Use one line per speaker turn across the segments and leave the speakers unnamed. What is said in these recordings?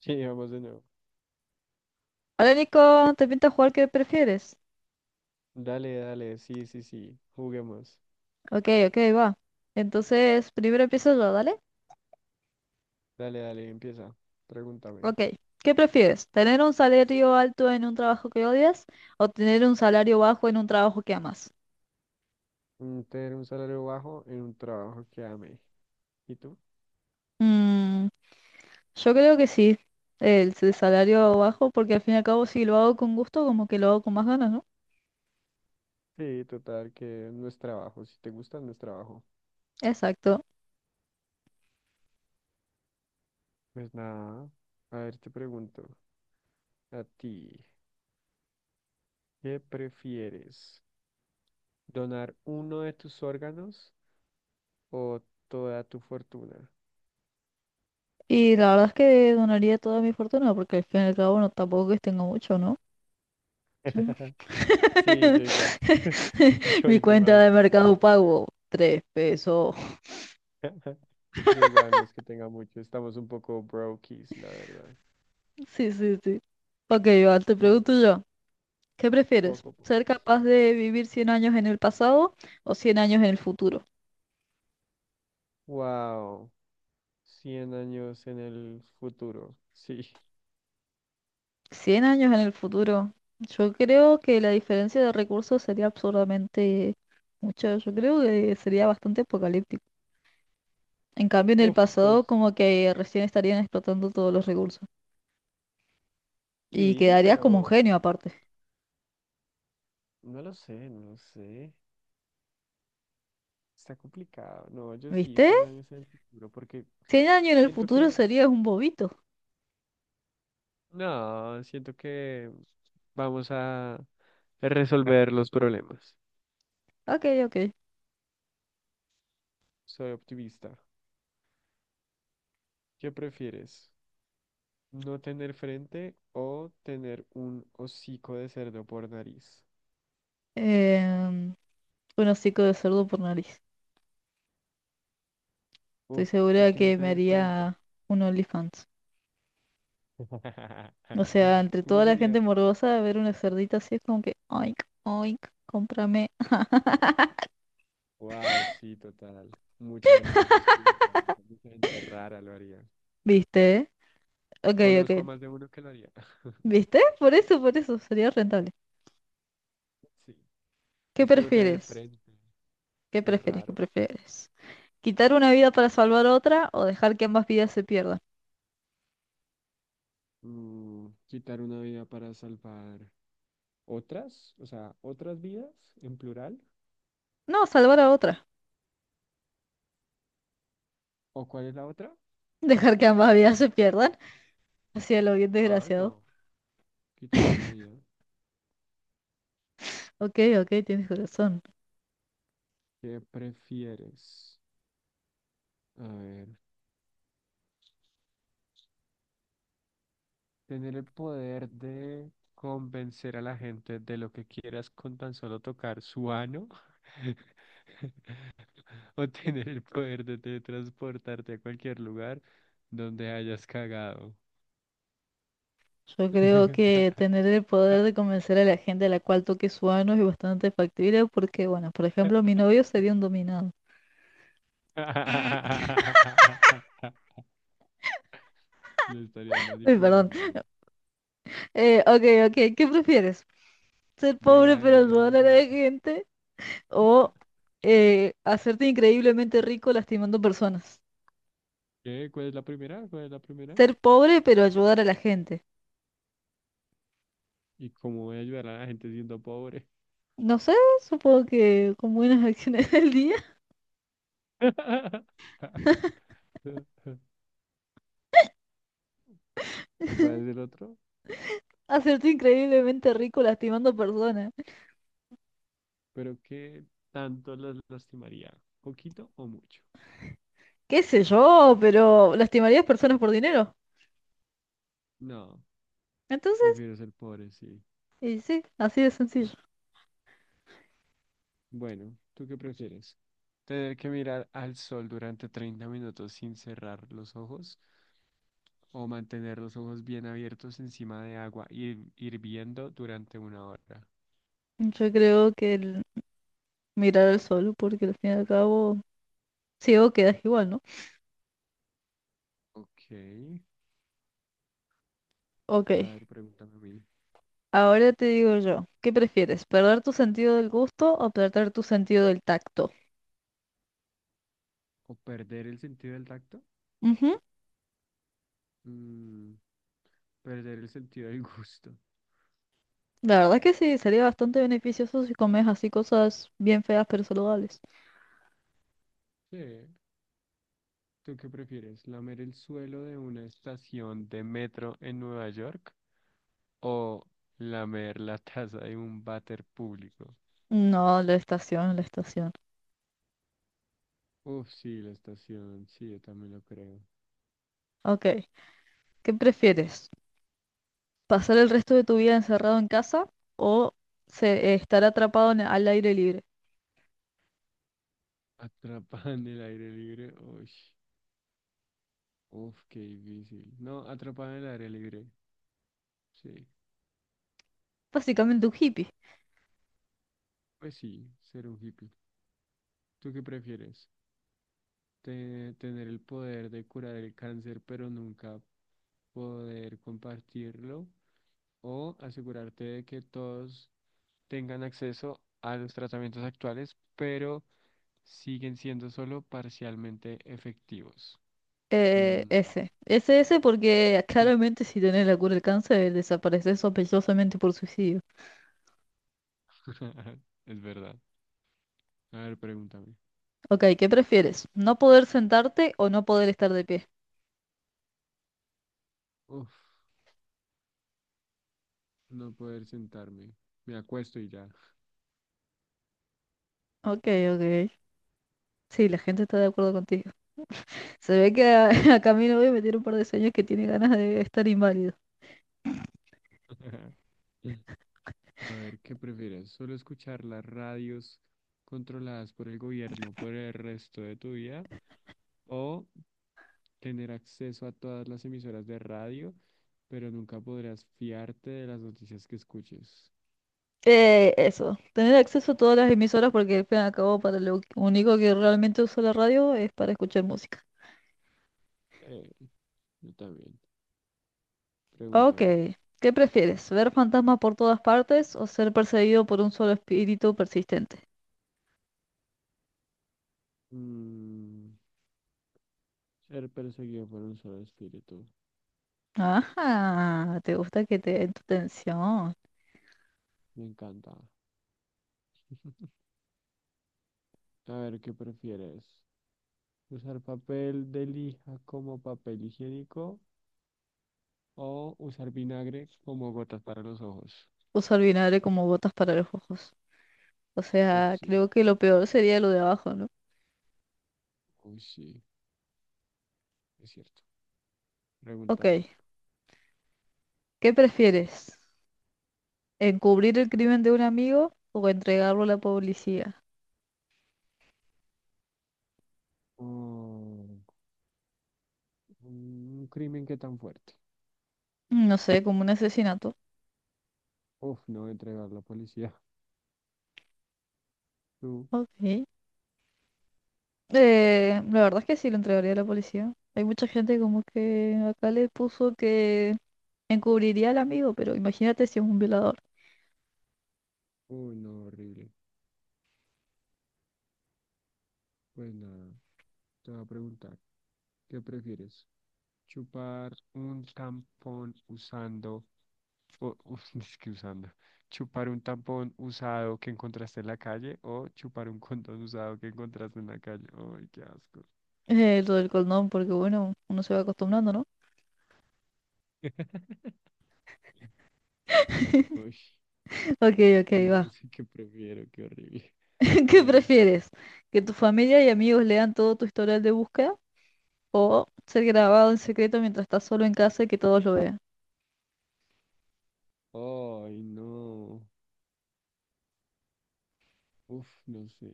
Sí, vamos de nuevo.
Hola Nico, ¿te pinta jugar qué prefieres?
Dale, dale, sí, sí, sí, juguemos.
Ok, ok, va. Entonces, primero empiezo yo, ¿dale?
Dale, dale, empieza. Pregúntame.
Ok, ¿qué prefieres? ¿Tener un salario alto en un trabajo que odias o tener un salario bajo en un trabajo que amas?
Tener un salario bajo en un trabajo que ame. ¿Y tú?
Mm, yo creo que sí, salario bajo, porque al fin y al cabo si lo hago con gusto, como que lo hago con más ganas, ¿no?
Sí, total, que no es trabajo. Si te gusta, no es trabajo.
Exacto.
Pues nada. A ver, te pregunto. A ti, ¿qué prefieres? ¿Donar uno de tus órganos o toda tu fortuna?
Y la verdad es que donaría toda mi fortuna, porque al fin y al cabo no, tampoco es que tengo mucho, ¿no?
Sí, yo igual. Yo
Mi cuenta
igual.
de Mercado Pago, 3 pesos.
Yo igual no es que tenga mucho, estamos un poco brokies, la verdad.
Sí, sí, sí. Ok, Iván, te
Un
pregunto yo, ¿qué prefieres?
poco
¿Ser
pobres.
capaz de vivir 100 años en el pasado o 100 años en el futuro?
Wow, 100 años en el futuro. Sí.
100 años en el futuro. Yo creo que la diferencia de recursos sería absurdamente mucha. Yo creo que sería bastante apocalíptico. En cambio, en el
Uf,
pasado,
pues
como que recién estarían explotando todos los recursos. Y
sí,
quedarías como un
pero
genio aparte.
no lo sé, no sé. Está complicado. No, yo sí,
¿Viste?
100 años en el futuro, porque
100 años en el
siento
futuro
que,
serías un bobito.
no, siento que vamos a resolver los problemas.
Ok, ok.
Soy optimista. ¿Qué prefieres? No tener frente o tener un hocico de cerdo por nariz.
Em, un hocico de cerdo por nariz. Estoy
Uf, es
segura
que no
que me
tener frente.
haría un OnlyFans. O sea, entre
¿Cómo
toda la
sería?
gente morbosa, ver una cerdita así es como que, oink, oink, cómprame.
Wow, sí, total. Mucha gente se suscribiría. Mucha gente rara lo haría.
¿Viste? Ok,
Conozco a
ok.
más de uno que lo haría.
¿Viste? Por eso, sería rentable.
Sí,
¿Qué
es que no tener
prefieres?
frente es
¿Qué
raro.
prefieres? ¿Quitar una vida para salvar otra o dejar que ambas vidas se pierdan?
Quitar una vida para salvar otras, o sea, otras vidas en plural.
No, salvar a otra.
¿O cuál es la otra?
Dejar que ambas vidas se pierdan. Así a lo bien
Ah, no,
desgraciado.
quitar una vida.
Ok, ok, tienes corazón.
¿Qué prefieres? A ver, tener el poder de convencer a la gente de lo que quieras con tan solo tocar su ano. O tener el poder de teletransportarte a cualquier lugar donde hayas cagado.
Yo creo que tener el poder de convencer a la gente a la cual toque su ano es bastante factible porque, bueno, por ejemplo, mi novio sería un dominado.
Lo estarías
Uy, perdón.
manipulando.
Ok, ok, ¿qué prefieres? ¿Ser pobre
Llega el
pero
verano
ayudar
y
a
yo.
la gente o hacerte increíblemente rico lastimando personas?
¿Qué? ¿Cuál es la primera? ¿Cuál es la primera?
Ser pobre pero ayudar a la gente.
¿Y cómo voy a ayudar a la gente siendo pobre?
No sé, supongo que con buenas acciones del día,
¿O cuál es el otro?
hacerte increíblemente rico lastimando personas.
Pero ¿qué tanto las lastimaría? ¿Poquito o mucho?
Qué sé yo, pero lastimarías personas por dinero.
No,
Entonces,
prefiero ser pobre, sí.
y sí, así de sencillo.
Bueno, ¿tú qué prefieres? ¿Tener que mirar al sol durante 30 minutos sin cerrar los ojos o mantener los ojos bien abiertos encima de agua hirviendo durante una hora?
Yo creo que el mirar al sol, porque al fin y al cabo, ciego quedas igual, ¿no?
Ok,
Ok,
a ver, pregúntame a mí.
ahora te digo yo, ¿qué prefieres? ¿Perder tu sentido del gusto o perder tu sentido del tacto?
¿O perder el sentido del tacto?
Ujú.
Mm, Perder el sentido del gusto.
La verdad es que sí, sería bastante beneficioso si comes así cosas bien feas pero saludables.
Sí. ¿Tú qué prefieres? ¿Lamer el suelo de una estación de metro en Nueva York o lamer la taza de un váter público?
No, la estación, la estación.
Uf, sí, la estación, sí, yo también lo creo.
Ok, ¿qué prefieres? ¿Pasar el resto de tu vida encerrado en casa o estar atrapado al aire libre?
Atrapada en el aire libre, uy, uf, qué difícil. No, atrapada en el aire libre, sí.
Básicamente un hippie.
Pues sí, ser un hippie. ¿Tú qué prefieres? ¿Tener el poder de curar el cáncer pero nunca poder compartirlo? ¿O asegurarte de que todos tengan acceso a los tratamientos actuales, pero siguen siendo solo parcialmente efectivos. Mm,
Ese. Ese, ese porque
sí,
claramente si tenés la cura del cáncer desapareces sospechosamente por suicidio.
es verdad. A ver, pregúntame.
Ok, ¿qué prefieres? ¿No poder sentarte o no poder estar de pie?
Uf, no poder sentarme. Me acuesto y ya.
Ok, ok. Sí, la gente está de acuerdo contigo. Se ve que a, a Camilo hoy me tiene un par de sueños que tiene ganas de estar inválido.
A ver, ¿qué prefieres? ¿Solo escuchar las radios controladas por el gobierno por el resto de tu vida? ¿O tener acceso a todas las emisoras de radio, pero nunca podrás fiarte de las noticias que escuches?
Eso, tener acceso a todas las emisoras porque al fin y al cabo para lo único que realmente uso la radio es para escuchar música.
Eh, yo también.
Ah, ok,
Pregúntame.
¿qué prefieres? ¿Ver fantasmas por todas partes o ser perseguido por un solo espíritu persistente?
Mm, Ser perseguido por un solo espíritu.
Ajá, te gusta que te den tu atención.
Me encanta. A ver, ¿qué prefieres? ¿Usar papel de lija como papel higiénico o usar vinagre como gotas para los ojos?
Usar vinagre como botas para los ojos. O
Uf,
sea,
sí.
creo que lo peor sería lo de abajo, ¿no?
Uy, sí. Es cierto.
Ok,
Pregúntame.
¿qué prefieres? ¿Encubrir el crimen de un amigo o entregarlo a la policía?
Oh, un crimen que tan fuerte.
No sé, como un asesinato.
Uf, no entregar a la policía. Tú.
Ok. La verdad es que sí lo entregaría a la policía. Hay mucha gente como que acá le puso que encubriría al amigo, pero imagínate si es un violador.
Uy, no, horrible. Pues nada, te voy a preguntar, ¿qué prefieres? Chupar un tampón usando, es que usando, chupar un tampón usado que encontraste en la calle o chupar un condón usado que encontraste en la calle. Ay, qué asco.
Lo del condón, porque bueno, uno se va acostumbrando, ¿no?
Uy,
Ok, ok,
uy, yo no
va.
sé qué prefiero, qué horrible. A
¿Qué
ver.
prefieres? ¿Que tu familia y amigos lean todo tu historial de búsqueda? ¿O ser grabado en secreto mientras estás solo en casa y que todos lo vean?
Ay, no. Uf, no sé.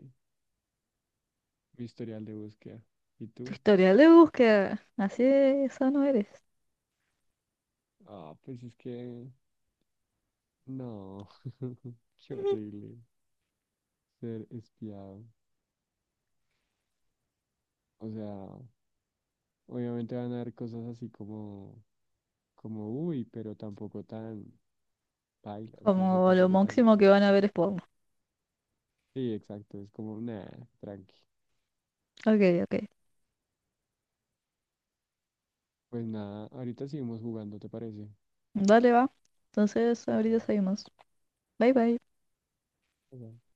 Mi historial de búsqueda. ¿Y
Tu
tú?
historial de búsqueda. Así de sano eres.
Ah, pues es que no. Qué horrible ser espiado. O sea. Obviamente van a haber cosas así como, uy, pero tampoco tan bailas, no sé,
Como lo
tampoco tan...
máximo que van a
tan
ver es
fea".
porno.
Sí, exacto, es como, nada, tranqui.
Ok, ok.
Pues nada, ahorita seguimos jugando, ¿te parece?
Dale, va. Entonces, ahorita
Dale,
seguimos. Bye bye.
bye.